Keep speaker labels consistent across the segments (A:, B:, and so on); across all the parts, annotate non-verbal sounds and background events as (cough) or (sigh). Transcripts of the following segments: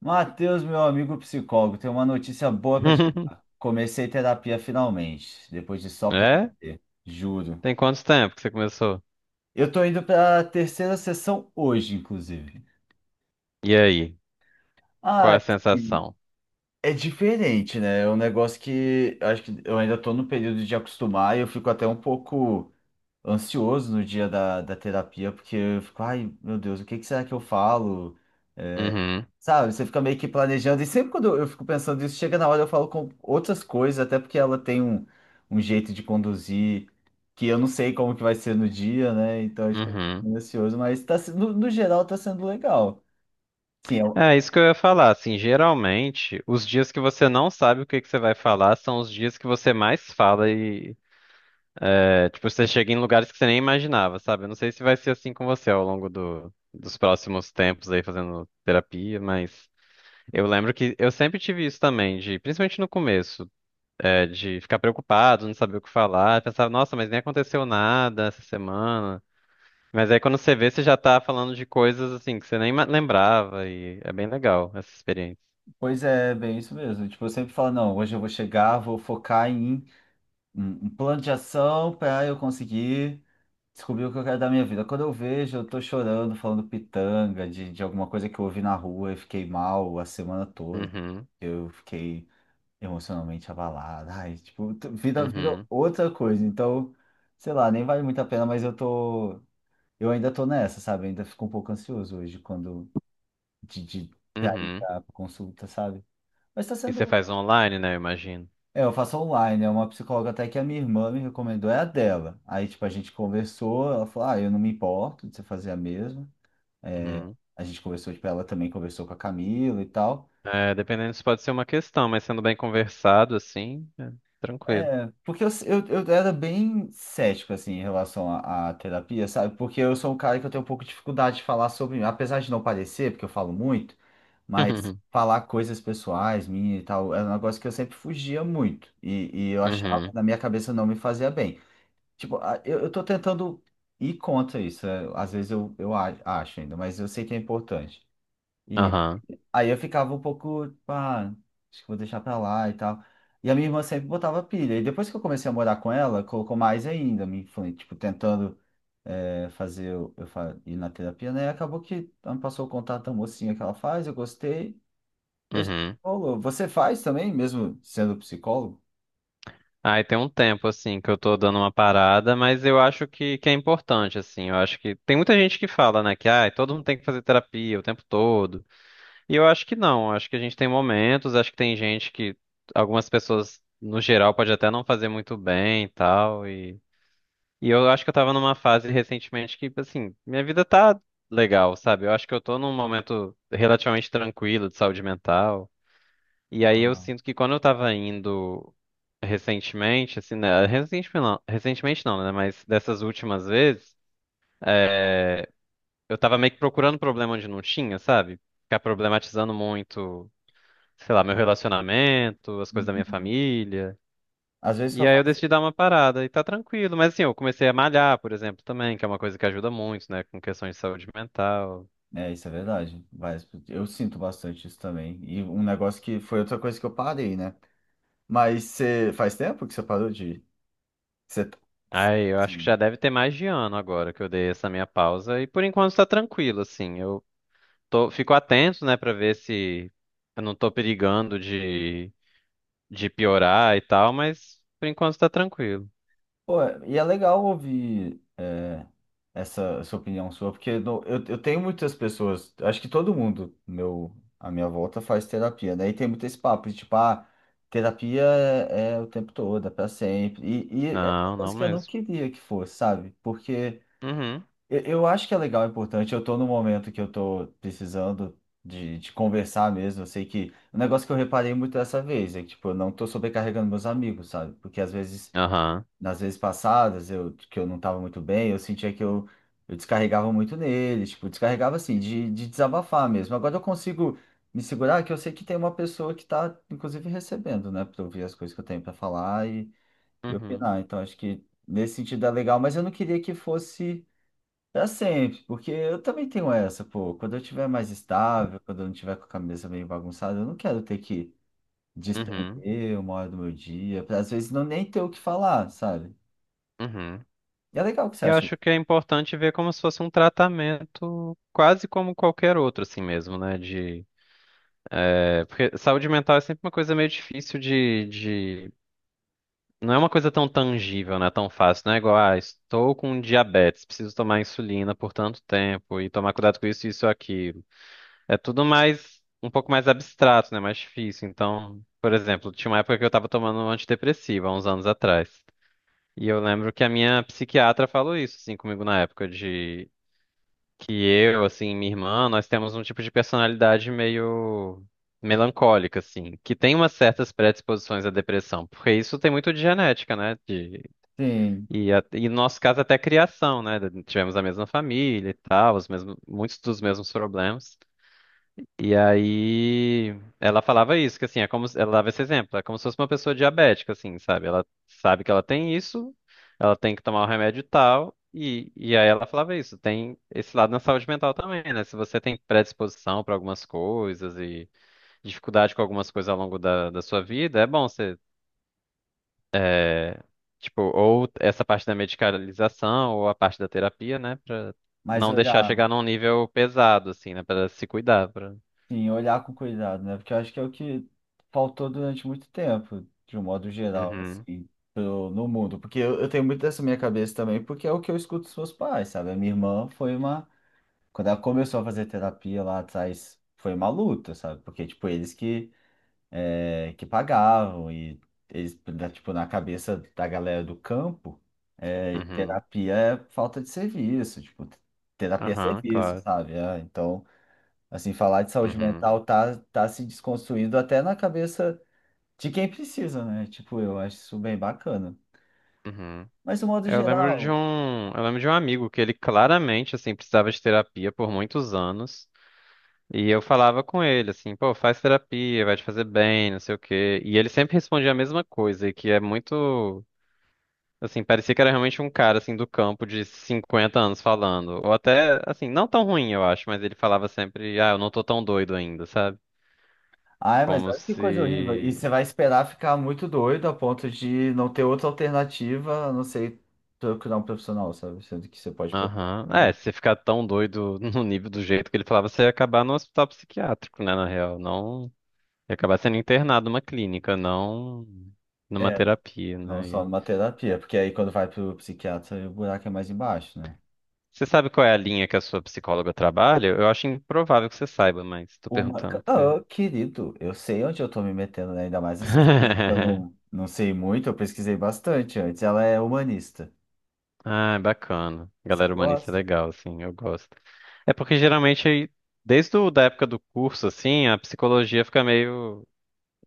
A: Matheus, meu amigo psicólogo, tem uma notícia boa para te dar.
B: (laughs)
A: Comecei terapia finalmente, depois de só
B: É?
A: prometer, juro.
B: Tem quanto tempo que você começou?
A: Eu tô indo para a terceira sessão hoje, inclusive.
B: E aí? Qual
A: Ah,
B: é a
A: assim,
B: sensação?
A: é diferente, né? É um negócio que eu acho que eu ainda tô no período de acostumar e eu fico até um pouco ansioso no dia da terapia, porque eu fico, ai, meu Deus, o que que será que eu falo?
B: Uhum,
A: Sabe, você fica meio que planejando, e sempre quando eu fico pensando nisso, chega na hora eu falo com outras coisas, até porque ela tem um jeito de conduzir que eu não sei como que vai ser no dia, né? Então, tipo, eu fico
B: uhum.
A: meio ansioso, mas tá, no geral tá sendo legal. Sim,
B: É isso que eu ia falar. Assim, geralmente, os dias que você não sabe o que que você vai falar são os dias que você mais fala e, é, tipo, você chega em lugares que você nem imaginava, sabe? Eu não sei se vai ser assim com você ao longo dos próximos tempos aí fazendo terapia, mas eu lembro que eu sempre tive isso também, de, principalmente no começo. De ficar preocupado, não saber o que falar. Pensava, nossa, mas nem aconteceu nada essa semana. Mas aí quando você vê, você já tá falando de coisas assim que você nem lembrava e é bem legal essa experiência.
A: pois é, bem isso mesmo. Tipo, eu sempre falo, não, hoje eu vou chegar, vou focar em um plano de ação para eu conseguir descobrir o que eu quero da minha vida. Quando eu vejo, eu tô chorando, falando pitanga de alguma coisa que eu ouvi na rua e fiquei mal a semana toda.
B: Uhum,
A: Eu fiquei emocionalmente abalado. Ai, tipo, vida, vida
B: uhum,
A: outra coisa. Então, sei lá, nem vale muito a pena, mas eu tô. Eu ainda tô nessa, sabe? Ainda fico um pouco ansioso hoje quando de pra ir
B: uhum.
A: pra consulta, sabe? Mas tá
B: E você
A: sendo.
B: faz online, né, eu imagino.
A: É, eu faço online, é uma psicóloga até que a minha irmã me recomendou, é a dela. Aí, tipo, a gente conversou, ela falou, ah, eu não me importo de você fazer a mesma. É,
B: Uhum.
A: a gente conversou, tipo, ela também conversou com a Camila e tal.
B: É, dependendo, isso pode ser uma questão, mas sendo bem conversado assim, é tranquilo.
A: É, porque eu era bem cético, assim, em relação à terapia, sabe? Porque eu sou um cara que eu tenho um pouco de dificuldade de falar sobre, apesar de não parecer, porque eu falo muito, mas
B: (laughs)
A: falar coisas pessoais, minha e tal, era um negócio que eu sempre fugia muito. E eu
B: Uhum,
A: achava,
B: uhum,
A: na minha cabeça, não me fazia bem. Tipo, eu tô tentando ir contra isso. Às vezes eu acho ainda, mas eu sei que é importante.
B: aham,
A: Aí eu ficava um pouco, tipo, ah, acho que vou deixar pra lá e tal. E a minha irmã sempre botava pilha. E depois que eu comecei a morar com ela, colocou mais ainda, tipo, tentando, fazer eu ir na terapia, né? E acabou que ela me passou o contato da mocinha que ela faz, eu gostei. E a gente
B: uhum.
A: falou, você faz também, mesmo sendo psicólogo?
B: Aí tem um tempo, assim, que eu tô dando uma parada, mas eu acho que é importante, assim. Eu acho que tem muita gente que fala, né, que ah, todo mundo tem que fazer terapia o tempo todo. E eu acho que não. Eu acho que a gente tem momentos, acho que tem gente que algumas pessoas, no geral, pode até não fazer muito bem e tal. E eu acho que eu tava numa fase recentemente que, assim, minha vida tá legal, sabe? Eu acho que eu tô num momento relativamente tranquilo de saúde mental. E aí eu
A: Aham.
B: sinto que quando eu tava indo recentemente, assim, né? Recentemente não, né? Mas dessas últimas vezes, é, eu tava meio que procurando problema onde não tinha, sabe? Ficar problematizando muito, sei lá, meu relacionamento, as coisas da minha
A: Uhum.
B: família.
A: Às vezes
B: E
A: só
B: aí eu
A: faz.
B: decidi dar uma parada e tá tranquilo. Mas assim, eu comecei a malhar, por exemplo, também, que é uma coisa que ajuda muito, né? Com questões de saúde mental.
A: É, isso é verdade. Vai, eu sinto bastante isso também. E um negócio que foi outra coisa que eu parei, né? Mas você faz tempo que você parou de você,
B: Ai, eu acho que
A: sim.
B: já deve ter mais de ano agora que eu dei essa minha pausa. E por enquanto tá tranquilo, assim. Eu tô, fico atento, né, pra ver se eu não tô perigando de piorar e tal, mas por enquanto tá tranquilo.
A: Pô, e é legal ouvir, essa opinião sua, porque eu tenho muitas pessoas, acho que todo mundo meu, à minha volta faz terapia, daí tem muito esse papo de tipo, ah, terapia é o tempo todo, é pra sempre. E é uma
B: Não,
A: coisa
B: não
A: que eu não
B: mesmo.
A: queria que fosse, sabe? Porque
B: Uhum,
A: eu acho que é legal, é importante, eu tô num momento que eu tô precisando de conversar mesmo, eu sei que. Um negócio que eu reparei muito dessa vez é que, tipo, eu não tô sobrecarregando meus amigos, sabe? Porque às vezes,
B: aham,
A: nas vezes passadas eu, que eu não estava muito bem, eu sentia que eu descarregava muito nele, tipo, descarregava assim, de desabafar mesmo. Agora eu consigo me segurar, que eu sei que tem uma pessoa que está, inclusive, recebendo, né, para ouvir as coisas que eu tenho para falar e
B: uhum,
A: opinar. Então, acho que nesse sentido é legal, mas eu não queria que fosse pra sempre, porque eu também tenho essa, pô. Quando eu tiver mais estável, quando eu não tiver com a cabeça meio bagunçada, eu não quero ter que
B: uhum,
A: despender uma hora do meu dia, pra às vezes não nem ter o que falar, sabe?
B: uhum.
A: E é legal o que você
B: Eu
A: acha.
B: acho que é importante ver como se fosse um tratamento quase como qualquer outro, assim mesmo, né? Porque saúde mental é sempre uma coisa meio difícil de... Não é uma coisa tão tangível, né? Tão fácil. Não é igual, ah, estou com diabetes, preciso tomar insulina por tanto tempo e tomar cuidado com isso, isso e aquilo. É tudo mais, um pouco mais abstrato, né? Mais difícil. Então, por exemplo, tinha uma época que eu tava tomando um antidepressivo, há uns anos atrás. E eu lembro que a minha psiquiatra falou isso, assim, comigo na época, de que eu, assim, minha irmã, nós temos um tipo de personalidade meio melancólica, assim, que tem umas certas predisposições à depressão, porque isso tem muito de genética, né?
A: Sim,
B: E no nosso caso até criação, né? Tivemos a mesma família e tal, os mesmos, muitos dos mesmos problemas. E aí ela falava isso, que assim, é como se- ela dava esse exemplo, é como se fosse uma pessoa diabética, assim, sabe? Ela sabe que ela tem isso, ela tem que tomar o remédio tal, e aí ela falava isso, tem esse lado na saúde mental também, né? Se você tem predisposição para algumas coisas e dificuldade com algumas coisas ao longo da sua vida, é bom você, é, tipo, ou essa parte da medicalização, ou a parte da terapia, né? Pra
A: mas
B: não deixar
A: olhar,
B: chegar num nível pesado, assim, né? Pra se cuidar, pra...
A: sim, olhar com cuidado, né? Porque eu acho que é o que faltou durante muito tempo, de um modo geral,
B: Uhum,
A: assim, no mundo. Porque eu tenho muito dessa minha cabeça também, porque é o que eu escuto dos meus pais, sabe? A minha irmã foi uma. Quando ela começou a fazer terapia lá atrás, foi uma luta, sabe? Porque, tipo, eles que é, que pagavam e eles, né, tipo, na cabeça da galera do campo,
B: uhum.
A: terapia é falta de serviço, tipo, terapia é
B: Aham,
A: serviço,
B: claro.
A: sabe? É, então, assim, falar de saúde
B: Uhum,
A: mental tá se desconstruindo até na cabeça de quem precisa, né? Tipo, eu acho isso bem bacana.
B: uhum.
A: Mas, no modo geral...
B: Eu lembro de um amigo que ele claramente, assim, precisava de terapia por muitos anos. E eu falava com ele, assim, pô, faz terapia, vai te fazer bem, não sei o quê. E ele sempre respondia a mesma coisa, e que é muito, assim, parecia que era realmente um cara, assim, do campo de 50 anos falando. Ou até, assim, não tão ruim, eu acho, mas ele falava sempre, ah, eu não tô tão doido ainda, sabe?
A: Ai, mas
B: Como
A: olha que coisa horrível. E
B: se...
A: você vai esperar ficar muito doido a ponto de não ter outra alternativa, a não ser procurar um profissional, sabe? Sendo que você pode procurar,
B: Aham.
A: né?
B: É, se você ficar tão doido (laughs) no nível do jeito que ele falava, você ia acabar no hospital psiquiátrico, né, na real. Não, ia acabar sendo internado numa clínica, não numa terapia,
A: Não
B: né?
A: só
B: E
A: numa terapia, porque aí quando vai pro psiquiatra, o buraco é mais embaixo, né?
B: você sabe qual é a linha que a sua psicóloga trabalha? Eu acho improvável que você saiba, mas tô perguntando porque...
A: Ah, querido, eu sei onde eu tô me metendo, né? Ainda mais essas coisas que eu não,
B: (laughs)
A: não sei muito, eu pesquisei bastante antes. Ela é humanista.
B: Ah, é bacana.
A: Você
B: Galera humanista é
A: gosta?
B: legal, assim, eu gosto. É porque geralmente, desde da época do curso, assim, a psicologia fica meio...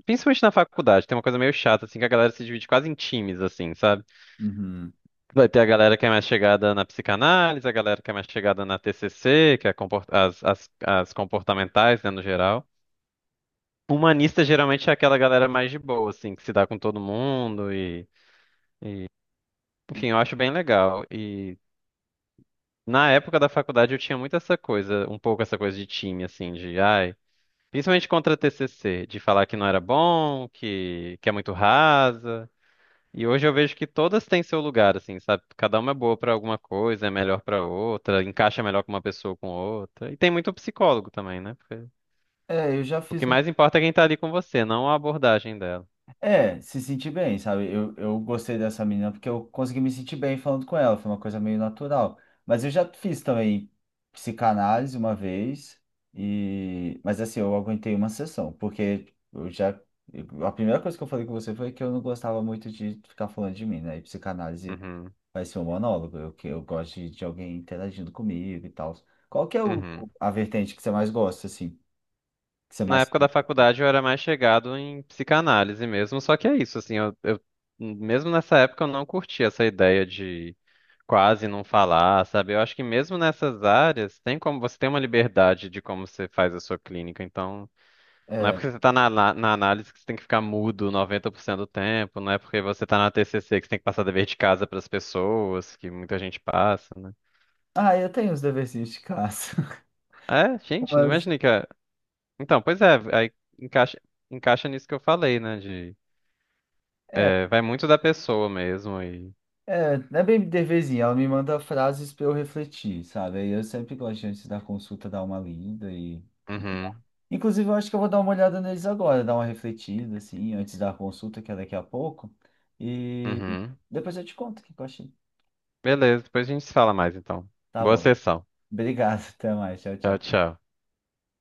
B: Principalmente na faculdade, tem uma coisa meio chata, assim, que a galera se divide quase em times, assim, sabe?
A: Uhum.
B: Vai ter a galera que é mais chegada na psicanálise, a galera que é mais chegada na TCC, que é as comportamentais, né, no geral. Humanista geralmente é aquela galera mais de boa, assim, que se dá com todo mundo e...
A: E-
B: Enfim, eu acho bem legal. E na época da faculdade eu tinha muito essa coisa, um pouco essa coisa de time, assim, de, ai... Principalmente contra a TCC, de falar que não era bom, que é muito rasa. E hoje eu vejo que todas têm seu lugar, assim, sabe? Cada uma é boa pra alguma coisa, é melhor pra outra, encaixa melhor com uma pessoa ou com outra. E tem muito psicólogo também, né? Porque
A: É, eu já
B: o
A: fiz.
B: que mais importa é quem tá ali com você, não a abordagem dela.
A: É, se sentir bem, sabe? Eu gostei dessa menina porque eu consegui me sentir bem falando com ela, foi uma coisa meio natural. Mas eu já fiz também psicanálise uma vez, mas assim, eu aguentei uma sessão, porque eu já. A primeira coisa que eu falei com você foi que eu não gostava muito de ficar falando de mim, né? E psicanálise
B: Uhum,
A: vai ser um monólogo, que eu gosto de alguém interagindo comigo e tal. Qual que é o,
B: uhum.
A: a vertente que você mais gosta, assim? Que você
B: Na
A: mais se
B: época da
A: identificou?
B: faculdade eu era mais chegado em psicanálise mesmo, só que é isso, assim, mesmo nessa época eu não curti essa ideia de quase não falar, sabe? Eu acho que mesmo nessas áreas tem como você tem uma liberdade de como você faz a sua clínica, então... Não é
A: É.
B: porque você tá na análise que você tem que ficar mudo 90% do tempo, não é porque você tá na TCC que você tem que passar dever de casa pras pessoas, que muita gente passa, né?
A: Ah, eu tenho os deverzinhos de casa.
B: É, gente, não imaginei
A: (laughs)
B: que... Então, pois é, aí encaixa, encaixa nisso que eu falei, né, de...
A: É,
B: É, vai muito da pessoa mesmo e...
A: é, é bem deverzinho, ela me manda frases para eu refletir, sabe? Aí eu sempre gosto antes da consulta dar uma lida e.
B: Uhum,
A: Inclusive, eu acho que eu vou dar uma olhada neles agora, dar uma refletida, assim, antes da consulta, que é daqui a pouco. E
B: uhum.
A: depois eu te conto o que eu achei.
B: Beleza, depois a gente se fala mais, então.
A: Tá
B: Boa
A: bom.
B: sessão.
A: Obrigado, (laughs) até mais. Tchau,
B: Tchau,
A: tchau.
B: tchau.